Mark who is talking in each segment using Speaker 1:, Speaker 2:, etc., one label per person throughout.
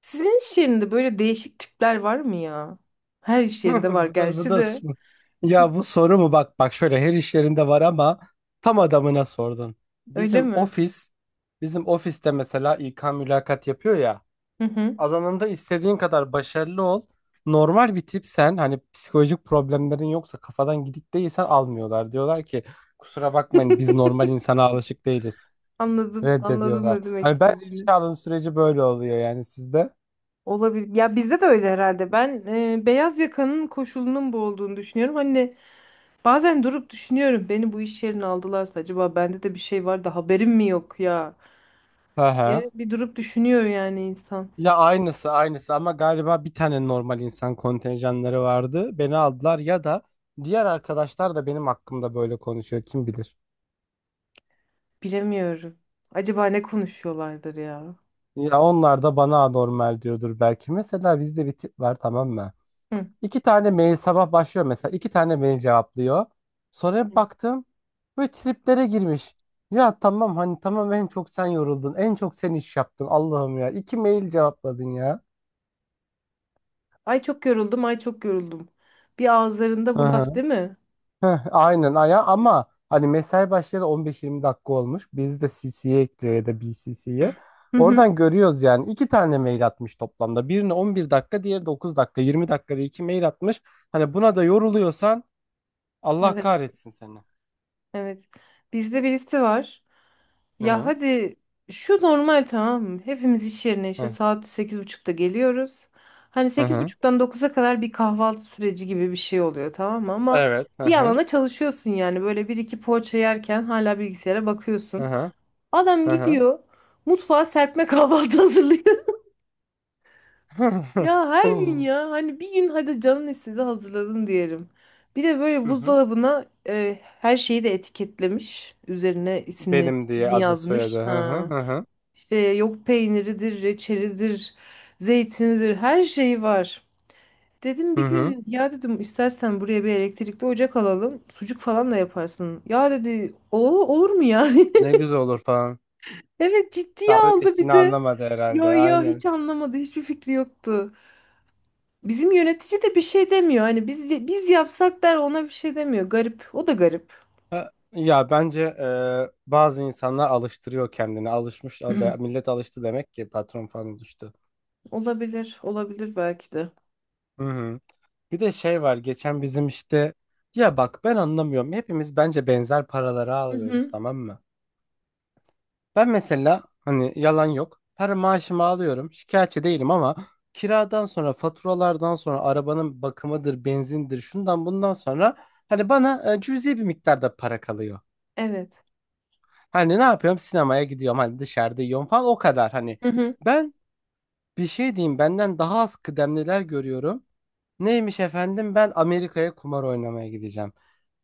Speaker 1: Sizin iş yerinde böyle değişik tipler var mı ya? Her iş yerinde var
Speaker 2: Bu da bu
Speaker 1: gerçi
Speaker 2: da
Speaker 1: de.
Speaker 2: s- Ya bu soru mu bak bak şöyle her işlerinde var ama tam adamına sordun.
Speaker 1: Öyle
Speaker 2: Bizim
Speaker 1: mi?
Speaker 2: ofis Bizim ofiste mesela İK mülakat yapıyor ya,
Speaker 1: Hı hı.
Speaker 2: alanında istediğin kadar başarılı ol. Normal bir tipsen, hani psikolojik problemlerin yoksa, kafadan gidik değilsen almıyorlar. Diyorlar ki kusura bakmayın, biz normal insana alışık değiliz.
Speaker 1: Anladım Anladım
Speaker 2: Reddediyorlar.
Speaker 1: ne demek
Speaker 2: Hani bence
Speaker 1: istediğini.
Speaker 2: işe alım süreci böyle oluyor yani sizde.
Speaker 1: Olabilir. Ya bizde de öyle herhalde. Ben beyaz yakanın koşulunun bu olduğunu düşünüyorum. Hani bazen durup düşünüyorum. Beni bu iş yerine aldılarsa acaba bende de bir şey var da haberim mi yok ya?
Speaker 2: Hı hı.
Speaker 1: Diye bir durup düşünüyor yani insan.
Speaker 2: Ya, aynısı aynısı, ama galiba bir tane normal insan kontenjanları vardı. Beni aldılar, ya da diğer arkadaşlar da benim hakkımda böyle konuşuyor, kim bilir.
Speaker 1: Bilemiyorum. Acaba ne konuşuyorlardır ya?
Speaker 2: Ya, onlar da bana anormal diyordur belki. Mesela bizde bir tip var, tamam mı?
Speaker 1: Hı.
Speaker 2: İki tane mail, sabah başlıyor mesela iki tane mail cevaplıyor. Sonra bir baktım böyle triplere girmiş. Ya tamam, hani tamam, en çok sen yoruldun, en çok sen iş yaptın, Allah'ım ya, iki mail cevapladın ya.
Speaker 1: Ay çok yoruldum, ay çok yoruldum. Bir ağızlarında bu laf değil mi?
Speaker 2: Heh, aynen aya, ama hani mesai başlayalı 15-20 dakika olmuş. Biz de CC'ye ekliyor ya da BCC'ye.
Speaker 1: Hı hı.
Speaker 2: Oradan görüyoruz yani iki tane mail atmış toplamda. Birine 11 dakika, diğeri 9 dakika, 20 dakikada iki mail atmış. Hani buna da yoruluyorsan Allah
Speaker 1: Evet,
Speaker 2: kahretsin seni.
Speaker 1: evet. Bizde birisi var.
Speaker 2: Hı
Speaker 1: Ya
Speaker 2: hı.
Speaker 1: hadi şu normal tamam mı? Hepimiz iş yerine işte
Speaker 2: Hı
Speaker 1: saat 8.30'da geliyoruz. Hani
Speaker 2: hı.
Speaker 1: sekiz
Speaker 2: Hı.
Speaker 1: buçuktan dokuza kadar bir kahvaltı süreci gibi bir şey oluyor tamam mı? Ama
Speaker 2: Evet. Hı
Speaker 1: bir yandan
Speaker 2: hı.
Speaker 1: da çalışıyorsun yani. Böyle bir iki poğaça yerken hala bilgisayara
Speaker 2: Hı
Speaker 1: bakıyorsun.
Speaker 2: hı.
Speaker 1: Adam
Speaker 2: Hı hı.
Speaker 1: gidiyor mutfağa serpme kahvaltı hazırlıyor. Ya her gün ya hani bir gün hadi canın istedi hazırladın diyelim. Bir de böyle
Speaker 2: Hı hı.
Speaker 1: buzdolabına her şeyi de etiketlemiş. Üzerine isimle,
Speaker 2: Benim diye
Speaker 1: ismini
Speaker 2: adı soyadı.
Speaker 1: yazmış.
Speaker 2: Hı hı.
Speaker 1: Ha.
Speaker 2: Hı hı.
Speaker 1: İşte yok peyniridir, reçelidir, zeytinidir her şeyi var. Dedim
Speaker 2: Hı
Speaker 1: bir
Speaker 2: hı.
Speaker 1: gün ya dedim istersen buraya bir elektrikli ocak alalım. Sucuk falan da yaparsın. Ya dedi o olur mu ya?
Speaker 2: Ne güzel olur falan.
Speaker 1: Evet ciddiye
Speaker 2: Dalga
Speaker 1: aldı bir
Speaker 2: geçtiğini
Speaker 1: de.
Speaker 2: anlamadı
Speaker 1: Yo
Speaker 2: herhalde.
Speaker 1: yo
Speaker 2: Aynen.
Speaker 1: hiç anlamadı hiçbir fikri yoktu. Bizim yönetici de bir şey demiyor. Hani biz yapsak der ona bir şey demiyor. Garip. O da garip.
Speaker 2: Ha, ya bence bazı insanlar alıştırıyor kendini. Millet alıştı demek ki, patron falan alıştı.
Speaker 1: Olabilir, olabilir belki de.
Speaker 2: Hı hı. Bir de şey var, geçen bizim işte, ya bak, ben anlamıyorum. Hepimiz bence benzer paraları
Speaker 1: Hı
Speaker 2: alıyoruz,
Speaker 1: hı.
Speaker 2: tamam mı? Ben mesela, hani yalan yok, her maaşımı alıyorum, şikayetçi değilim, ama kiradan sonra, faturalardan sonra, arabanın bakımıdır, benzindir, şundan bundan sonra, hani bana cüzi bir miktarda para kalıyor.
Speaker 1: Evet.
Speaker 2: Hani ne yapıyorum? Sinemaya gidiyorum, hani dışarıda yiyorum falan, o kadar. Hani
Speaker 1: Hı hı.
Speaker 2: ben bir şey diyeyim, benden daha az kıdemliler görüyorum. Neymiş efendim, ben Amerika'ya kumar oynamaya gideceğim.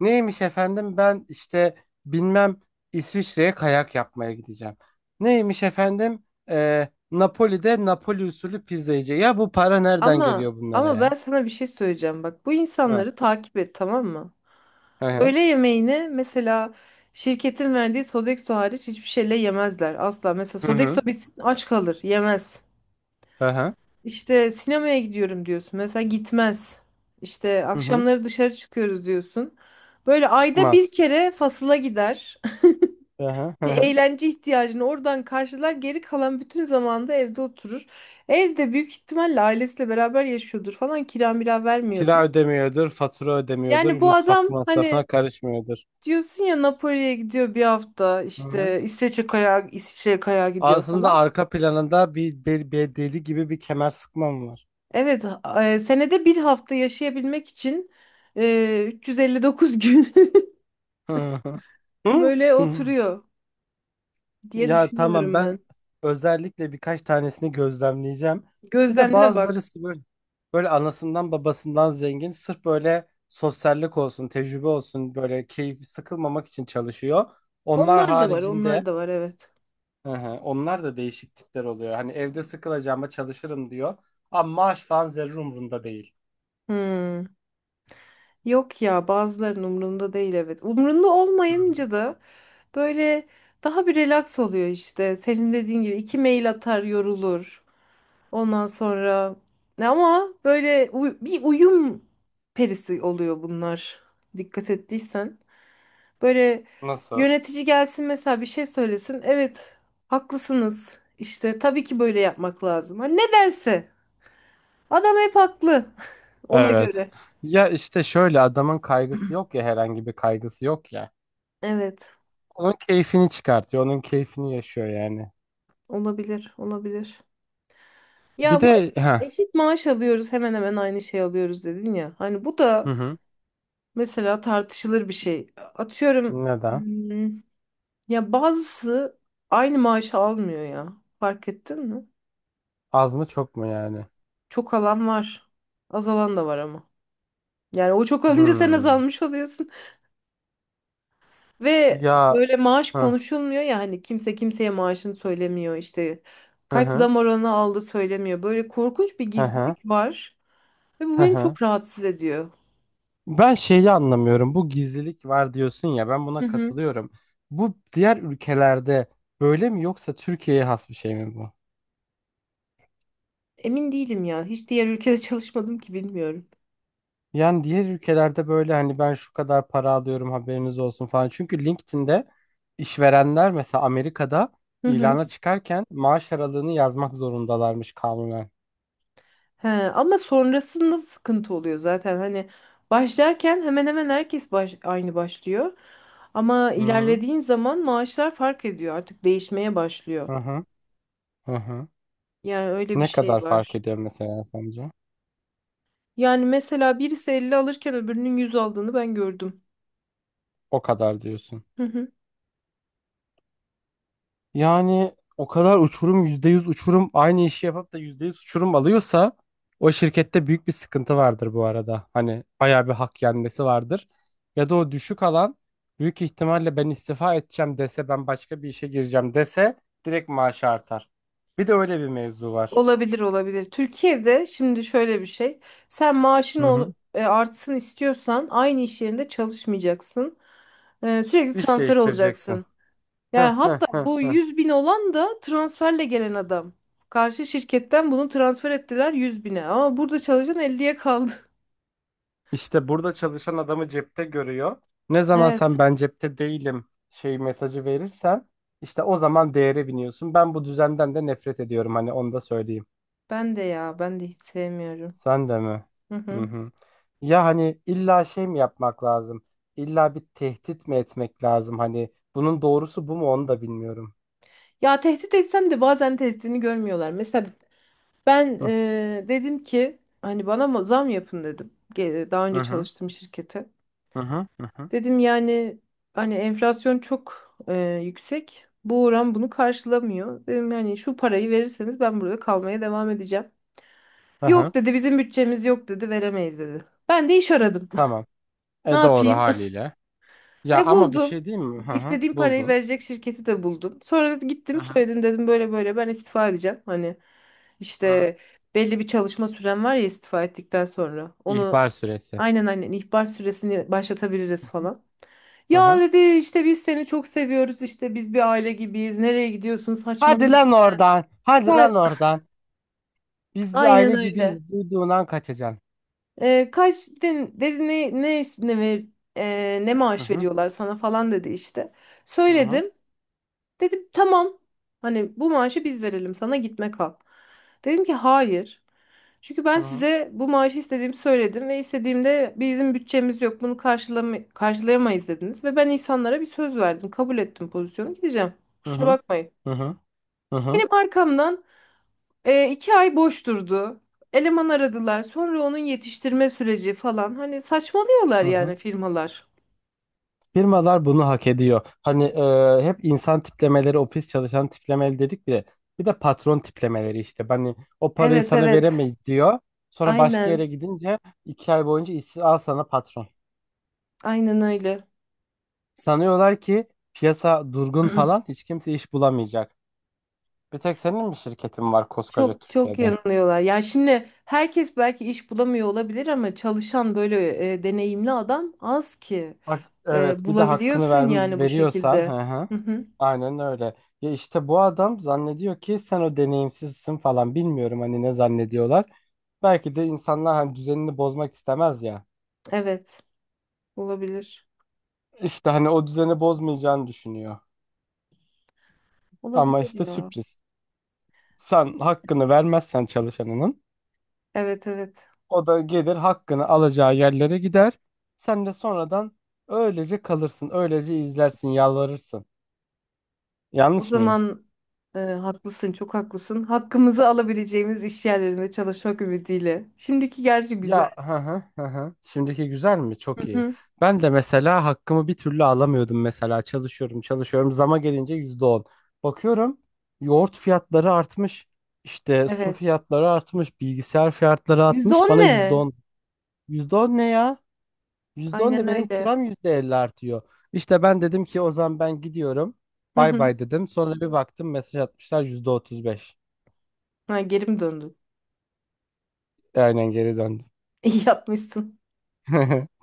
Speaker 2: Neymiş efendim, ben işte bilmem, İsviçre'ye kayak yapmaya gideceğim. Neymiş efendim, Napoli'de Napoli usulü pizza yiyeceğim. Ya, bu para nereden
Speaker 1: Ama
Speaker 2: geliyor bunlara
Speaker 1: Ama
Speaker 2: ya?
Speaker 1: ben sana bir şey söyleyeceğim. Bak bu
Speaker 2: Hı
Speaker 1: insanları takip et tamam mı?
Speaker 2: hı.
Speaker 1: Öğle yemeğini mesela şirketin verdiği Sodexo hariç hiçbir şeyle yemezler asla. Mesela
Speaker 2: Hı
Speaker 1: Sodexo
Speaker 2: hı.
Speaker 1: bitsin aç kalır, yemez.
Speaker 2: Hı hı.
Speaker 1: İşte sinemaya gidiyorum diyorsun. Mesela gitmez. İşte
Speaker 2: Hı hı. Hı.
Speaker 1: akşamları dışarı çıkıyoruz diyorsun. Böyle ayda bir
Speaker 2: Çıkmaz.
Speaker 1: kere fasıla gider.
Speaker 2: Hı hı. Hı
Speaker 1: Bir
Speaker 2: hı.
Speaker 1: eğlence ihtiyacını oradan karşılar. Geri kalan bütün zamanda evde oturur. Evde büyük ihtimalle ailesiyle beraber yaşıyordur falan. Kira mira vermiyordur.
Speaker 2: Kira ödemiyordur, fatura ödemiyordur,
Speaker 1: Yani bu adam
Speaker 2: mutfak masrafına
Speaker 1: hani
Speaker 2: karışmıyordur.
Speaker 1: diyorsun ya Napoli'ye gidiyor bir hafta.
Speaker 2: Hı hı.
Speaker 1: İşte İsveç'e kayağa, İsviçre'ye kayağa gidiyor
Speaker 2: Aslında
Speaker 1: falan.
Speaker 2: arka planında bir deli gibi bir kemer sıkmam var.
Speaker 1: Evet, senede bir hafta yaşayabilmek için 359 gün.
Speaker 2: Hı hı. Hı
Speaker 1: Böyle
Speaker 2: hı.
Speaker 1: oturuyor diye
Speaker 2: Ya tamam,
Speaker 1: düşünüyorum
Speaker 2: ben
Speaker 1: ben.
Speaker 2: özellikle birkaç tanesini gözlemleyeceğim. Bir de
Speaker 1: Gözlemle
Speaker 2: bazıları
Speaker 1: bak.
Speaker 2: böyle, böyle anasından babasından zengin, sırf böyle sosyallik olsun, tecrübe olsun, böyle keyif, sıkılmamak için çalışıyor. Onlar
Speaker 1: Onlar da var, onlar
Speaker 2: haricinde.
Speaker 1: da var evet.
Speaker 2: Hı hı. Onlar da değişik tipler oluyor. Hani evde sıkılacağıma çalışırım diyor. Ama maaş falan zerre umurunda değil.
Speaker 1: Hmm. Yok ya bazılarının umrunda değil evet. Umrunda
Speaker 2: Hı hı.
Speaker 1: olmayınca da böyle daha bir relax oluyor işte. Senin dediğin gibi iki mail atar yorulur. Ondan sonra ama böyle bir uyum perisi oluyor bunlar. Dikkat ettiysen. Böyle
Speaker 2: Nasıl?
Speaker 1: yönetici gelsin mesela bir şey söylesin. Evet, haklısınız. İşte tabii ki böyle yapmak lazım. Hani ne derse. Adam hep haklı ona
Speaker 2: Evet.
Speaker 1: göre.
Speaker 2: Ya işte şöyle, adamın kaygısı yok ya, herhangi bir kaygısı yok ya.
Speaker 1: Evet,
Speaker 2: Onun keyfini çıkartıyor. Onun keyfini yaşıyor yani.
Speaker 1: olabilir, olabilir.
Speaker 2: Bir
Speaker 1: Ya bu
Speaker 2: de ha.
Speaker 1: eşit maaş alıyoruz, hemen hemen aynı şey alıyoruz dedin ya. Hani bu
Speaker 2: Hı
Speaker 1: da
Speaker 2: hı.
Speaker 1: mesela tartışılır bir şey. Atıyorum
Speaker 2: Neden?
Speaker 1: ya bazısı aynı maaşı almıyor ya. Fark ettin mi?
Speaker 2: Az mı, çok mu yani?
Speaker 1: Çok alan var. Azalan da var ama. Yani o çok alınca sen
Speaker 2: Hmm.
Speaker 1: azalmış oluyorsun. Ve
Speaker 2: Ya.
Speaker 1: böyle maaş
Speaker 2: Hı
Speaker 1: konuşulmuyor ya hani kimse kimseye maaşını söylemiyor işte
Speaker 2: hı.
Speaker 1: kaç
Speaker 2: Hı.
Speaker 1: zam oranı aldı söylemiyor. Böyle korkunç bir
Speaker 2: Hı hı.
Speaker 1: gizlilik var ve bu
Speaker 2: Hı
Speaker 1: beni
Speaker 2: hı. Hı.
Speaker 1: çok rahatsız ediyor.
Speaker 2: Ben şeyi anlamıyorum. Bu gizlilik var diyorsun ya, ben
Speaker 1: Hı
Speaker 2: buna
Speaker 1: hı.
Speaker 2: katılıyorum. Bu diğer ülkelerde böyle mi, yoksa Türkiye'ye has bir şey mi bu?
Speaker 1: Emin değilim ya hiç diğer ülkede çalışmadım ki bilmiyorum.
Speaker 2: Yani diğer ülkelerde böyle hani, ben şu kadar para alıyorum, haberiniz olsun falan. Çünkü LinkedIn'de işverenler, mesela Amerika'da,
Speaker 1: Hı hı.
Speaker 2: ilana çıkarken maaş aralığını yazmak zorundalarmış kanunen.
Speaker 1: He, ama sonrasında sıkıntı oluyor zaten hani başlarken hemen hemen herkes aynı başlıyor. Ama
Speaker 2: Hı hı.
Speaker 1: ilerlediğin zaman maaşlar fark ediyor artık değişmeye başlıyor.
Speaker 2: Hı hı. Hı hı.
Speaker 1: Yani öyle bir
Speaker 2: Ne
Speaker 1: şey
Speaker 2: kadar fark
Speaker 1: var.
Speaker 2: ediyor mesela sence?
Speaker 1: Yani mesela birisi 50 alırken öbürünün 100 aldığını ben gördüm.
Speaker 2: O kadar diyorsun.
Speaker 1: Hı hı.
Speaker 2: Yani o kadar uçurum, %100 uçurum, aynı işi yapıp da %100 uçurum alıyorsa, o şirkette büyük bir sıkıntı vardır bu arada. Hani bayağı bir hak yenmesi vardır. Ya da o düşük alan, büyük ihtimalle ben istifa edeceğim dese, ben başka bir işe gireceğim dese, direkt maaşı artar. Bir de öyle bir mevzu var.
Speaker 1: Olabilir. Türkiye'de şimdi şöyle bir şey. Sen
Speaker 2: Hı hı.
Speaker 1: artsın istiyorsan aynı iş yerinde çalışmayacaksın. Sürekli
Speaker 2: İş
Speaker 1: transfer
Speaker 2: değiştireceksin.
Speaker 1: olacaksın. Yani hatta bu 100 bin olan da transferle gelen adam. Karşı şirketten bunu transfer ettiler 100 bine. Ama burada çalışan 50'ye kaldı.
Speaker 2: İşte burada çalışan adamı cepte görüyor. Ne zaman
Speaker 1: Evet,
Speaker 2: sen ben cepte değilim şey mesajı verirsen, işte o zaman değere biniyorsun. Ben bu düzenden de nefret ediyorum, hani onu da söyleyeyim.
Speaker 1: ben de ya, ben de hiç sevmiyorum.
Speaker 2: Sen de mi?
Speaker 1: Hı
Speaker 2: Hı
Speaker 1: hı.
Speaker 2: hı. Ya hani illa şey mi yapmak lazım? İlla bir tehdit mi etmek lazım? Hani bunun doğrusu bu mu, onu da bilmiyorum.
Speaker 1: Ya tehdit etsem de bazen tehdidini görmüyorlar. Mesela ben
Speaker 2: Hı.
Speaker 1: dedim ki hani zam yapın dedim. Daha önce
Speaker 2: Hı. Hı.
Speaker 1: çalıştığım şirkete.
Speaker 2: Hı. Hı. Hı.
Speaker 1: Dedim yani hani enflasyon çok yüksek. Bu oran bunu karşılamıyor. Dedim yani şu parayı verirseniz ben burada kalmaya devam edeceğim.
Speaker 2: Hı hı.
Speaker 1: Yok dedi bizim bütçemiz yok dedi veremeyiz dedi. Ben de iş aradım.
Speaker 2: Tamam.
Speaker 1: Ne
Speaker 2: E doğru
Speaker 1: yapayım?
Speaker 2: haliyle. Ya
Speaker 1: Ve
Speaker 2: ama bir
Speaker 1: buldum.
Speaker 2: şey diyeyim mi? Hı hı.
Speaker 1: İstediğim parayı
Speaker 2: Buldun.
Speaker 1: verecek şirketi de buldum. Sonra
Speaker 2: Hı
Speaker 1: gittim
Speaker 2: hı.
Speaker 1: söyledim dedim böyle böyle ben istifa edeceğim. Hani
Speaker 2: Hı hı.
Speaker 1: işte belli bir çalışma süren var ya istifa ettikten sonra. Onu
Speaker 2: İhbar süresi.
Speaker 1: aynen ihbar süresini başlatabiliriz
Speaker 2: Hı hı.
Speaker 1: falan.
Speaker 2: Hı
Speaker 1: Ya
Speaker 2: hı.
Speaker 1: dedi işte biz seni çok seviyoruz işte biz bir aile gibiyiz. Nereye gidiyorsun
Speaker 2: Hadi
Speaker 1: saçmalama.
Speaker 2: lan
Speaker 1: İşte."
Speaker 2: oradan. Hadi
Speaker 1: Ka-
Speaker 2: lan oradan. Biz bir
Speaker 1: Aynen
Speaker 2: aile
Speaker 1: öyle.
Speaker 2: gibiyiz. Duyduğundan kaçacaksın.
Speaker 1: Kaç dedin, dedi ne ne ne ver ne
Speaker 2: Hı
Speaker 1: maaş
Speaker 2: hı,
Speaker 1: veriyorlar sana falan dedi işte.
Speaker 2: hı hı,
Speaker 1: Söyledim. Dedim tamam. Hani bu maaşı biz verelim sana gitme kal. Dedim ki hayır. Çünkü ben
Speaker 2: hı hı,
Speaker 1: size bu maaşı istediğimi söyledim ve istediğimde bizim bütçemiz yok bunu karşılayamayız dediniz. Ve ben insanlara bir söz verdim kabul ettim pozisyonu gideceğim.
Speaker 2: hı
Speaker 1: Kusura
Speaker 2: hı,
Speaker 1: bakmayın.
Speaker 2: hı hı, hı hı,
Speaker 1: Benim arkamdan 2 ay boş durdu. Eleman aradılar sonra onun yetiştirme süreci falan hani saçmalıyorlar
Speaker 2: hı hı.
Speaker 1: yani firmalar.
Speaker 2: Firmalar bunu hak ediyor. Hani hep insan tiplemeleri, ofis çalışan tiplemeleri dedik bile. Bir de patron tiplemeleri işte. Hani o parayı sana
Speaker 1: Evet
Speaker 2: veremeyiz diyor. Sonra başka yere
Speaker 1: aynen
Speaker 2: gidince iki ay boyunca işsiz, al sana patron.
Speaker 1: aynen öyle.
Speaker 2: Sanıyorlar ki piyasa durgun falan, hiç kimse iş bulamayacak. Bir tek senin mi şirketin var koskoca
Speaker 1: Çok
Speaker 2: Türkiye'de?
Speaker 1: yanılıyorlar. Ya şimdi herkes belki iş bulamıyor olabilir ama çalışan böyle deneyimli adam az ki.
Speaker 2: Bak evet, bir de hakkını ver,
Speaker 1: Bulabiliyorsun yani bu
Speaker 2: veriyorsan. Hı
Speaker 1: şekilde.
Speaker 2: hı.
Speaker 1: Hı hı.
Speaker 2: Aynen öyle. Ya işte bu adam zannediyor ki sen o deneyimsizsin falan, bilmiyorum hani ne zannediyorlar. Belki de insanlar hani düzenini bozmak istemez ya.
Speaker 1: Evet, olabilir.
Speaker 2: İşte hani o düzeni bozmayacağını düşünüyor. Ama
Speaker 1: Olabilir
Speaker 2: işte
Speaker 1: ya.
Speaker 2: sürpriz. Sen hakkını vermezsen çalışanının,
Speaker 1: Evet evet.
Speaker 2: o da gelir hakkını alacağı yerlere gider. Sen de sonradan öylece kalırsın, öylece izlersin, yalvarırsın.
Speaker 1: O
Speaker 2: Yanlış mı?
Speaker 1: zaman haklısın, çok haklısın. Hakkımızı alabileceğimiz iş yerlerinde çalışmak ümidiyle. Şimdiki gerçi güzel.
Speaker 2: Ya. Hı hı. Hı. Hı. Şimdiki güzel mi?
Speaker 1: Hı
Speaker 2: Çok iyi.
Speaker 1: hı.
Speaker 2: Ben de mesela hakkımı bir türlü alamıyordum, mesela çalışıyorum çalışıyorum, zama gelince %10. Bakıyorum yoğurt fiyatları artmış. İşte su
Speaker 1: Evet.
Speaker 2: fiyatları artmış, bilgisayar fiyatları
Speaker 1: %10
Speaker 2: artmış. Bana yüzde
Speaker 1: ne?
Speaker 2: on. Yüzde on ne ya? %10 ne,
Speaker 1: Aynen
Speaker 2: benim
Speaker 1: öyle.
Speaker 2: kiram %50 artıyor. İşte ben dedim ki o zaman, ben gidiyorum.
Speaker 1: Hı
Speaker 2: Bay
Speaker 1: hı.
Speaker 2: bay dedim. Sonra bir baktım mesaj atmışlar, %35.
Speaker 1: Ha, geri mi döndün?
Speaker 2: Aynen geri döndüm.
Speaker 1: İyi yapmışsın.